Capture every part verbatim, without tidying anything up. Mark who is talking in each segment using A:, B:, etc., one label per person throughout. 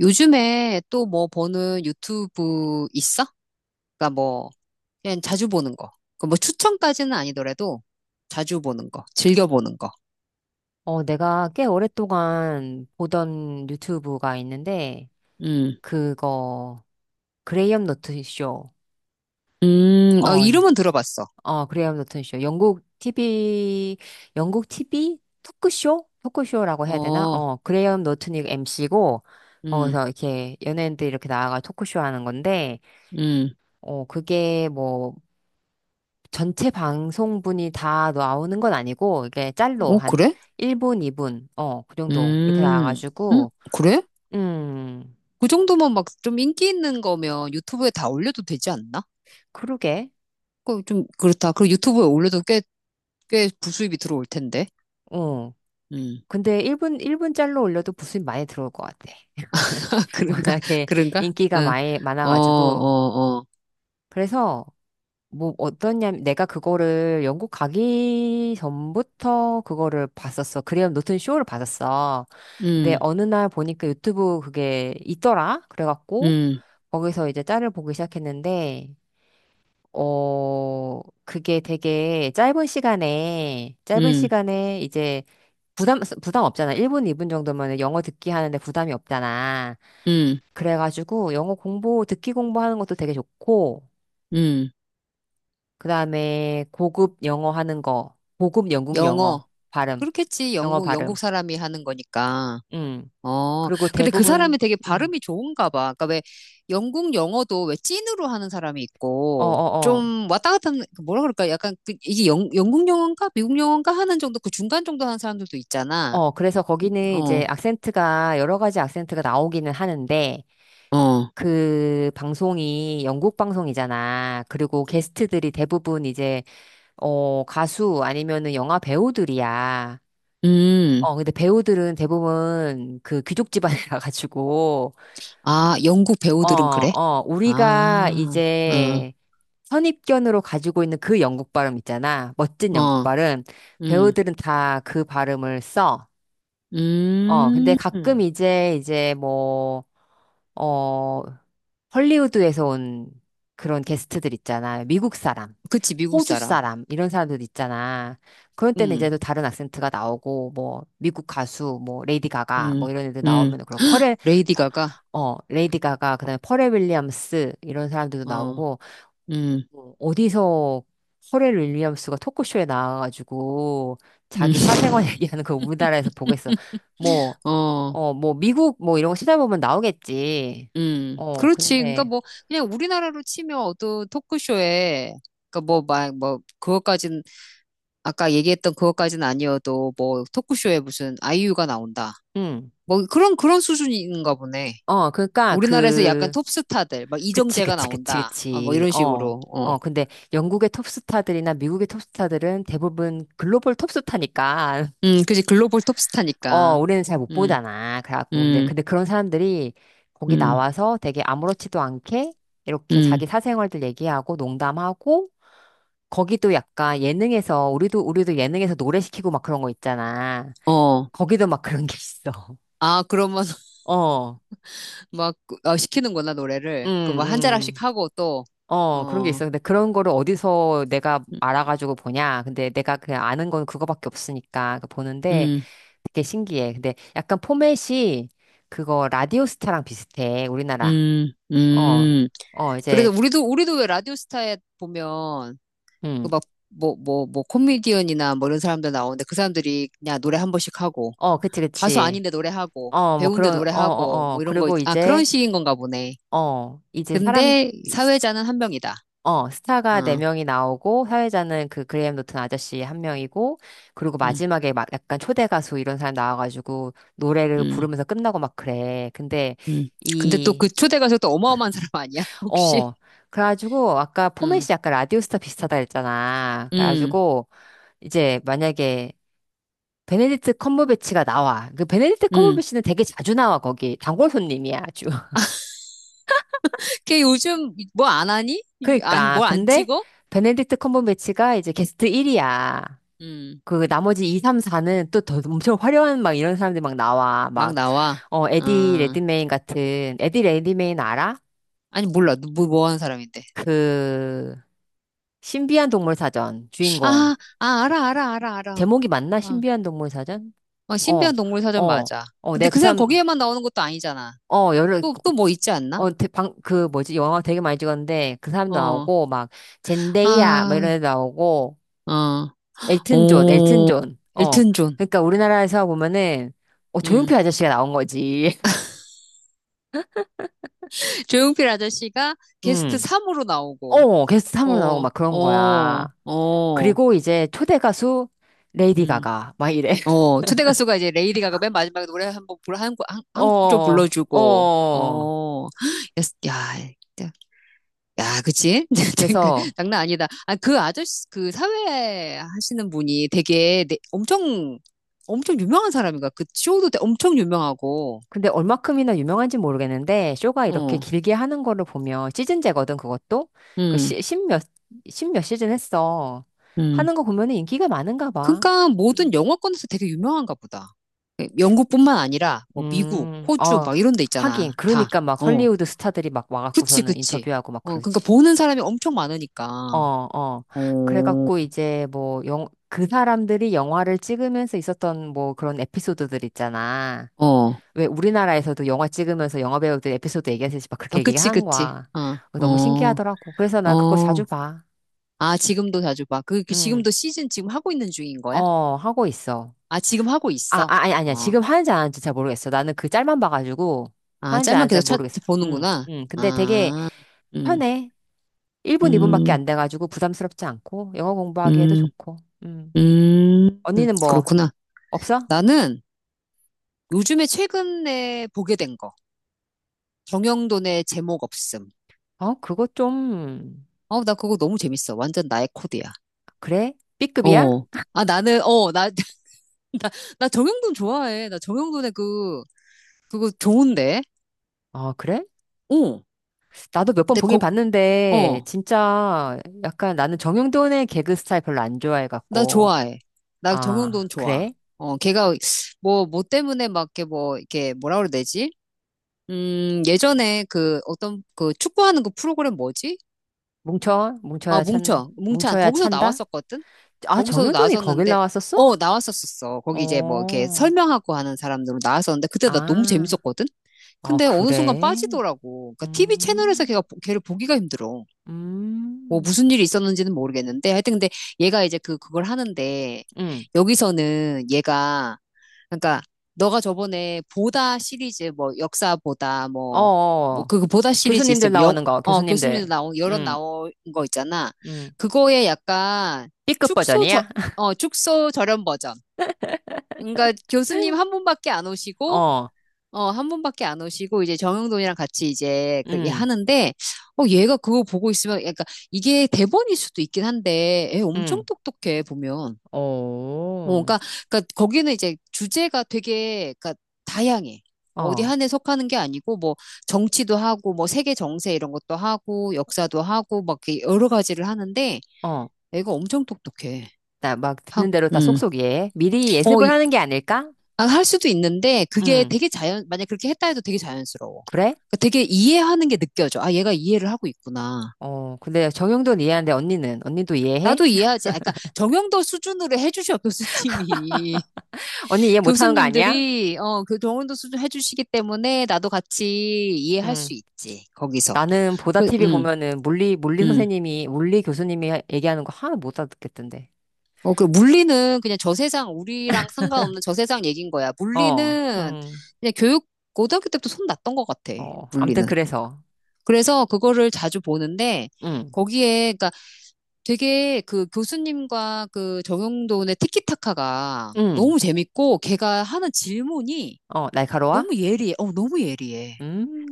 A: 요즘에 또 뭐 보는 유튜브 있어? 그러니까 뭐 그냥 자주 보는 거. 그뭐 추천까지는 아니더라도 자주 보는 거, 즐겨 보는 거.
B: 어, 내가 꽤 오랫동안 보던 유튜브가 있는데,
A: 음,
B: 그거, 그레이엄 노튼 쇼.
A: 음, 아,
B: 어,
A: 이름은 들어봤어.
B: 어, 그레이엄 노튼 쇼. 영국 티비, 영국 티비? 토크쇼? 토크쇼라고 해야 되나?
A: 어,
B: 어, 그레이엄 노튼이 엠씨고,
A: 음,
B: 거기서 이렇게 연예인들 이렇게 이 나와가 토크쇼 하는 건데,
A: 음,
B: 어, 그게 뭐, 전체 방송분이 다 나오는 건 아니고, 이게 짤로
A: 오,
B: 한
A: 그래?
B: 일 분, 이 분, 어, 그 정도 이렇게
A: 음, 음,
B: 나와가지고,
A: 그래?
B: 음.
A: 그 정도면 막 좀 인기 있는 거면 유튜브에 다 올려도 되지 않나?
B: 그러게.
A: 그 좀 그렇다. 그리고 유튜브에 올려도 꽤, 꽤 부수입이 들어올 텐데.
B: 어.
A: 음,
B: 근데 일 분, 일분 짤로 올려도 부수입 많이 들어올 것 같아.
A: 그런가?
B: 워낙에
A: 그런가?
B: 인기가
A: 응,
B: 많이,
A: 어, 어,
B: 많아가지고.
A: 어,
B: 그래서, 뭐, 어떠냐, 내가 그거를 영국 가기 전부터 그거를 봤었어. 그레이엄 노튼 쇼를 봤었어. 근데
A: 음.
B: 어느 날 보니까 유튜브 그게 있더라? 그래갖고,
A: 음,
B: 거기서 이제 짤을 보기 시작했는데, 어, 그게 되게 짧은 시간에, 짧은
A: 음,
B: 시간에 이제 부담, 부담 없잖아. 일 분, 이 분 정도면 영어 듣기 하는데 부담이 없잖아.
A: 음,
B: 그래가지고 영어 공부, 듣기 공부하는 것도 되게 좋고,
A: 음.
B: 그 다음에 고급 영어 하는 거, 고급 영국
A: 영어.
B: 영어, 발음,
A: 그렇겠지.
B: 영어
A: 영국, 영국
B: 발음.
A: 사람이 하는 거니까.
B: 음.
A: 어.
B: 그리고
A: 근데 그 사람이
B: 대부분,
A: 되게
B: 음.
A: 발음이 좋은가 봐. 그러니까 왜 영국 영어도 왜 찐으로 하는 사람이
B: 어,
A: 있고
B: 어, 어.
A: 좀 왔다 갔다 하는, 그 뭐라 그럴까? 약간 그 이게 영, 영국 영어인가? 미국 영어인가? 하는 정도 그 중간 정도 하는 사람들도 있잖아.
B: 어, 그래서 거기는 이제
A: 어,
B: 악센트가, 여러 가지 악센트가 나오기는 하는데,
A: 어.
B: 그 방송이 영국 방송이잖아. 그리고 게스트들이 대부분 이제 어, 가수 아니면은 영화 배우들이야.
A: 음.
B: 어, 근데 배우들은 대부분 그 귀족 집안에 가가지고,
A: 아, 영국
B: 어,
A: 배우들은 그래?
B: 어, 우리가
A: 아, 어,
B: 이제 선입견으로 가지고 있는 그 영국 발음 있잖아. 멋진 영국
A: 어.
B: 발음.
A: 음,
B: 배우들은 다 그 발음을 써. 어, 근데
A: 음.
B: 가끔 이제, 이제 뭐, 어, 헐리우드에서 온 그런 게스트들 있잖아. 미국 사람,
A: 그치, 미국
B: 호주
A: 사람.
B: 사람, 이런 사람들 있잖아. 그런 때는 이제
A: 음.
B: 또 다른 악센트가 나오고, 뭐, 미국 가수, 뭐, 레이디 가가,
A: 음,
B: 뭐, 이런 애들
A: 음,
B: 나오면, 그리고 펄에,
A: 레이디 가가,
B: 어, 레이디 가가, 그 다음에 펄에 윌리엄스, 이런 사람들도
A: 어,
B: 나오고,
A: 음,
B: 뭐 어디서 퍼렐 윌리엄스가 토크쇼에 나와가지고
A: 음,
B: 자기 사생활 얘기하는 거 우리나라에서 보겠어. 뭐,
A: 어,
B: 어, 뭐 미국 뭐 이런 거 찾아보면 나오겠지.
A: 음,
B: 어,
A: 그렇지. 그러니까
B: 근데,
A: 뭐, 그냥 우리나라로 치면 어떤 토크쇼에, 그러니까 뭐, 막, 뭐, 그것까진, 아까 얘기했던 그것까진 아니어도, 뭐, 토크쇼에 무슨 아이유가 나온다.
B: 응.
A: 뭐, 그런, 그런 수준인가 보네.
B: 어, 그러니까
A: 우리나라에서 약간
B: 그,
A: 톱스타들, 막
B: 그치,
A: 이정재가
B: 그치, 그치,
A: 나온다. 아, 뭐,
B: 그치.
A: 이런
B: 어.
A: 식으로, 어.
B: 어, 근데 영국의 톱스타들이나 미국의 톱스타들은 대부분 글로벌 톱스타니까
A: 음, 그지. 글로벌
B: 어,
A: 톱스타니까.
B: 우리는 잘 못
A: 음,
B: 보잖아. 그래갖고, 근데,
A: 음,
B: 근데 그런 사람들이 거기
A: 음,
B: 나와서 되게 아무렇지도 않게 이렇게
A: 음,
B: 자기 사생활들 얘기하고 농담하고, 거기도 약간 예능에서, 우리도, 우리도 예능에서 노래 시키고 막 그런 거 있잖아.
A: 어.
B: 거기도 막 그런 게 있어.
A: 아, 그러면
B: 어,
A: 막 그, 어, 시키는구나
B: 응,
A: 노래를 그 막 한
B: 응,
A: 자락씩 하고
B: 어, 그런 게
A: 또어
B: 있어. 근데 그런 거를 어디서 내가
A: 음,
B: 알아가지고 보냐. 근데 내가 그냥 아는 건 그거밖에 없으니까 그 보는데
A: 음,
B: 되게 신기해. 근데 약간 포맷이 그거 라디오스타랑 비슷해. 우리나라.
A: 음.
B: 어,
A: 음.
B: 어,
A: 그래서
B: 이제,
A: 우리도, 우리도 왜 라디오스타에 보면, 그
B: 음,
A: 막, 뭐, 뭐, 뭐, 코미디언이나 뭐 이런 사람들 나오는데 그 사람들이 그냥 노래 한 번씩 하고,
B: 어, 그치,
A: 가수
B: 그치.
A: 아닌데 노래하고,
B: 어, 뭐,
A: 배우인데
B: 그런, 어,
A: 노래하고,
B: 어, 어.
A: 뭐 이런 거, 있-
B: 그리고
A: 아,
B: 이제,
A: 그런 식인 건가 보네.
B: 어, 이제 사람,
A: 근데 사회자는 한 명이다.
B: 어, 스타가
A: 어,
B: 네명이 나오고, 사회자는 그 그레이엄 노튼 아저씨 한명이고 그리고
A: 음,
B: 마지막에 막 약간 초대 가수 이런 사람 나와가지고, 노래를
A: 음,
B: 부르면서 끝나고 막 그래. 근데,
A: 음. 근데 또
B: 이,
A: 그 초대 가수 또 어마어마한 사람 아니야? 혹시?
B: 어, 그래가지고, 아까 포맷이
A: 음,
B: 약간 라디오스타 비슷하다 했잖아.
A: 음,
B: 그래가지고, 이제 만약에, 베네딕트 컴버배치가 나와. 그 베네딕트
A: 음.
B: 컴버배치는 되게 자주 나와 거기. 단골 손님이야 아주.
A: 걔 요즘 뭐 안 하니? 아니,
B: 그러니까
A: 뭘 안
B: 근데
A: 찍어?
B: 베네딕트 컴버배치가 이제 게스트 일이야.
A: 음,
B: 그 나머지 이, 삼, 사는 또 더 엄청 화려한 막 이런 사람들이 막 나와.
A: 막
B: 막
A: 나와.
B: 어 에디
A: 아,
B: 레드메인 같은 에디 레드메인 알아?
A: 아니, 몰라. 누 뭐, 뭐 하는 사람인데.
B: 그 신비한 동물 사전 주인공.
A: 아, 아, 알아, 알아, 알아, 알아.
B: 제목이 맞나?
A: 아,
B: 신비한 동물 사전?
A: 어,
B: 어.
A: 신비한 동물 사전
B: 어.
A: 맞아.
B: 어,
A: 근데
B: 내가 그
A: 그 사람
B: 사람,
A: 거기에만 나오는 것도 아니잖아.
B: 어, 여러,
A: 또, 또 뭐 있지 않나?
B: 어, 대- 방, 그 뭐지? 영화 되게 많이 찍었는데 그 사람도
A: 어,
B: 나오고 막 젠데이아 막
A: 아,
B: 이런 애도 나오고
A: 어,
B: 엘튼 존, 엘튼
A: 오,
B: 존. 어.
A: 엘튼 존.
B: 그러니까 우리나라에서 보면은 어,
A: 음.
B: 조용필 아저씨가 나온 거지.
A: 조용필 아저씨가 게스트
B: 음.
A: 삼으로 나오고,
B: 어, 게스트 삼으로 나오고
A: 어,
B: 막 그런
A: 어,
B: 거야.
A: 어,
B: 그리고 이제 초대 가수 레이디
A: 음.
B: 가가 막 이래.
A: 어, 초대 가수가 이제 레이디 가가 맨 마지막에 노래 한번 불, 한국, 한, 한국 좀
B: 어.
A: 불러주고,
B: 어.
A: 어, 야, 야, 야, 그치? 그
B: 그래서
A: 장난 아니다. 아, 그 아저씨, 그 사회 하시는 분이 되게 내- 엄청, 엄청 유명한 사람인가? 그 쇼도 되- 엄청 유명하고,
B: 근데 얼마큼이나 유명한지 모르겠는데 쇼가 이렇게
A: 어,
B: 길게 하는 거를 보면 시즌제거든 그것도 그
A: 음,
B: 시, 십몇 십몇 시즌 했어
A: 음.
B: 하는 거 보면은 인기가 많은가 봐.
A: 그러니까 모든
B: 음.
A: 영어권에서 되게 유명한가 보다. 영국뿐만 아니라, 뭐 미국,
B: 음,
A: 호주,
B: 어,
A: 막 이런 데 있잖아.
B: 하긴
A: 다.
B: 그러니까 막
A: 어.
B: 헐리우드 스타들이 막
A: 그치,
B: 와갖고서는
A: 그치.
B: 인터뷰하고 막
A: 어, 그러니까
B: 그러지.
A: 보는 사람이 엄청
B: 어,
A: 많으니까.
B: 어.
A: 어,
B: 그래갖고 이제 뭐 영, 그 사람들이 영화를 찍으면서 있었던 뭐 그런 에피소드들 있잖아.
A: 어,
B: 왜 우리나라에서도 영화 찍으면서 영화 배우들 에피소드 얘기하듯이 막
A: 어,
B: 그렇게
A: 그치,
B: 얘기한
A: 그치.
B: 거야. 어,
A: 어,
B: 너무
A: 어,
B: 신기하더라고. 그래서 난 그거 자주
A: 어.
B: 봐.
A: 아, 지금도 자주 봐. 그, 그
B: 응.
A: 지금도 시즌 지금 하고 있는 중인 거야?
B: 어, 하고 있어.
A: 아, 지금 하고
B: 아, 아,
A: 있어.
B: 아니, 아니야.
A: 어,
B: 지금 하는지 안 하는지 잘 모르겠어. 나는 그 짤만 봐가지고
A: 아,
B: 하는지 안
A: 짤만
B: 하는지 잘
A: 계속 찾,
B: 모르겠어. 응,
A: 보는구나.
B: 응. 근데 되게
A: 아, 음,
B: 편해. 일 분, 이 분밖에
A: 음,
B: 안 돼가지고 부담스럽지 않고 영어 공부하기에도
A: 음,
B: 좋고. 응.
A: 음.
B: 언니는 뭐
A: 그렇구나.
B: 없어?
A: 나는 요즘에 최근에 보게 된 거. 정형돈의 제목 없음.
B: 어, 그거 좀
A: 어, 나 그거 너무 재밌어. 완전 나의 코드야.
B: 그래? B급이야?
A: 어. 아, 나는, 어, 나, 나 정형돈 좋아해. 나 정형돈의 그, 그거 좋은데?
B: 어, 그래?
A: 어.
B: 나도 몇 번
A: 근데
B: 보긴
A: 거,
B: 봤는데,
A: 어.
B: 진짜 약간 나는 정용돈의 개그 스타일 별로 안
A: 나
B: 좋아해갖고.
A: 좋아해. 나
B: 아,
A: 정형돈 좋아.
B: 그래?
A: 어, 걔가, 뭐, 뭐 때문에 막, 이렇게 뭐, 이렇게, 뭐라 그래야 되지? 음, 예전에 그, 어떤, 그, 축구하는 그 프로그램 뭐지?
B: 뭉쳐?
A: 아,
B: 뭉쳐야 찬,
A: 뭉쳐. 뭉찬.
B: 뭉쳐야
A: 거기서
B: 찬다?
A: 나왔었거든?
B: 아,
A: 거기서도
B: 정용돈이 거길
A: 나왔었는데,
B: 나왔었어?
A: 어, 나왔었었어. 거기 이제 뭐, 이렇게
B: 어,
A: 설명하고 하는 사람들로 나왔었는데, 그때 나 너무
B: 아,
A: 재밌었거든?
B: 어,
A: 근데 어느 순간
B: 그래?
A: 빠지더라고. 그러니까 티비 채널에서 걔가
B: 음,
A: 보- 걔를 보기가 힘들어. 뭐
B: 음,
A: 무슨 일이 있었는지는 모르겠는데 하여튼 근데 얘가 이제 그 그걸 하는데
B: 음,
A: 여기서는 얘가 그러니까 너가 저번에 보다 시리즈 뭐 역사 보다
B: 어,
A: 뭐
B: 어.
A: 뭐
B: 어.
A: 그 그 보다 시리즈 있어
B: 교수님들 나오는 거,
A: 뭐영어 교수님도
B: 교수님들.
A: 나온 여러
B: 음,
A: 나온 거 있잖아.
B: 음.
A: 그거에 약간
B: B급
A: 축소 저
B: 버전이야?
A: 어 축소 저렴 버전. 그러니까 교수님 한 분밖에 안 오시고
B: 어,
A: 어, 한 분밖에 안 오시고, 이제 정영돈이랑 같이 이제 그, 얘
B: 음,
A: 하는데, 어, 얘가 그거 보고 있으면, 그러니까 이게 대본일 수도 있긴 한데, 애 엄청
B: 음,
A: 똑똑해, 보면. 어,
B: 오,
A: 그러니까, 그러니까 거기는 이제 주제가 되게, 그러니까 다양해. 뭐 어디
B: 어,
A: 한 해 속하는 게 아니고, 뭐, 정치도 하고, 뭐, 세계 정세 이런 것도 하고, 역사도 하고, 막 이렇게 여러 가지를 하는데,
B: 어.
A: 애가 엄청 똑똑해.
B: 나 막 듣는
A: 하고,
B: 대로 다
A: 음.
B: 속속이해. 미리
A: 어,
B: 예습을 하는 게 아닐까?
A: 아, 할 수도 있는데 그게
B: 응.
A: 되게 자연, 만약 그렇게 했다 해도 되게 자연스러워.
B: 그래?
A: 그러니까 되게 이해하는 게 느껴져. 아, 얘가 이해를 하고 있구나.
B: 어, 근데 정형돈 이해하는데 언니는? 언니도 이해해?
A: 나도 이해하지. 아, 그러니까 정형도 수준으로 해주셔, 교수님이.
B: 언니 이해 못하는 거 아니야?
A: 교수님들이, 어, 그 정형도 수준 해주시기 때문에 나도 같이 이해할
B: 응.
A: 수 있지, 거기서.
B: 나는 보다
A: 그,
B: 티비
A: 음,
B: 보면은 물리, 물리
A: 음.
B: 선생님이, 물리 교수님이 하- 얘기하는 거 하나 못 알아듣겠던데.
A: 어, 그 물리는 그냥 저 세상, 우리랑 상관없는 저 세상 얘기인 거야.
B: 어,
A: 물리는
B: 음,
A: 그냥 교육, 고등학교 때부터 손 났던 것 같아,
B: 어, 암튼
A: 물리는.
B: 그래서.
A: 그래서 그거를 자주 보는데
B: 응,
A: 거기에 그러니까 되게 그 교수님과 그 정용돈의 티키타카가
B: 응.
A: 너무 재밌고 걔가 하는 질문이
B: 어, 날카로워?
A: 너무 예리해. 어, 너무 예리해.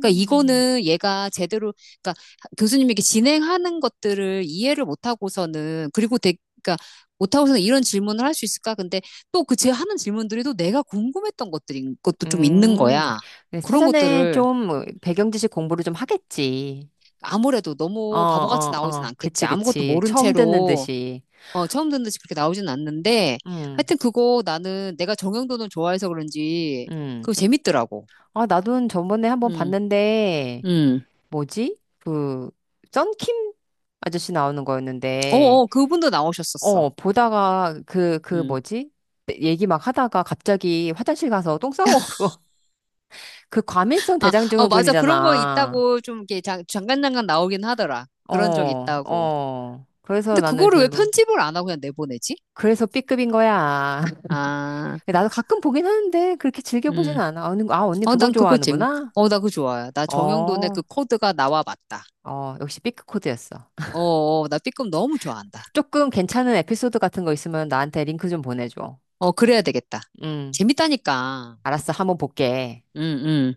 A: 그러니까 이거는 얘가 제대로 그러니까 교수님에게 진행하는 것들을 이해를 못 하고서는 그리고 되게 그러니까 못 하고서는 이런 질문을 할 수 있을까? 근데 또 그 제 하는 질문들이 또 내가 궁금했던 것들인 것도 좀 있는
B: 음.
A: 거야.
B: 근데
A: 그런
B: 사전에
A: 것들을
B: 좀 뭐 배경 지식 공부를 좀 하겠지.
A: 아무래도
B: 어,
A: 너무 바보같이
B: 어,
A: 나오진
B: 어.
A: 않겠지.
B: 그치,
A: 아무것도
B: 그치.
A: 모른
B: 처음 듣는
A: 채로,
B: 듯이.
A: 어, 처음 듣는 듯이 그렇게 나오진 않는데,
B: 응,
A: 하여튼 그거 나는 내가 정형돈을 좋아해서 그런지,
B: 응.
A: 그거 재밌더라고.
B: 아, 나도 저번에 한번
A: 음,
B: 봤는데,
A: 음.
B: 뭐지? 그, 썬킴 아저씨 나오는 거였는데,
A: 어어, 그분도 나오셨었어.
B: 어, 보다가 그, 그
A: 음.
B: 뭐지? 얘기 막 하다가 갑자기 화장실 가서 똥 싸고, 그 과민성
A: 아, 어, 맞아. 그런 거
B: 대장증후군이잖아.
A: 있다고 좀 이렇게 잠- 잠깐잠깐 나오긴 하더라.
B: 어,
A: 그런 적 있다고.
B: 어. 그래서
A: 근데
B: 나는
A: 그거를 왜
B: 별로.
A: 편집을 안 하고 그냥 내보내지?
B: 그래서 B급인 거야.
A: 아,
B: 나도 가끔 보긴 하는데, 그렇게 즐겨보진
A: 음.
B: 않아. 아, 언니, 아, 언니
A: 어,
B: 그거
A: 난 그거 재밌,
B: 좋아하는구나?
A: 어, 나 그거 좋아요. 나 정형돈의
B: 어,
A: 그 코드가 나와 맞다.
B: 어, 역시 삐크 코드였어.
A: 어, 어, 나 B급 너무 좋아한다.
B: 조금 괜찮은 에피소드 같은 거 있으면 나한테 링크 좀 보내줘.
A: 어, 그래야 되겠다.
B: 응,
A: 재밌다니까.
B: 알았어. 한번 볼게.
A: 응, 응.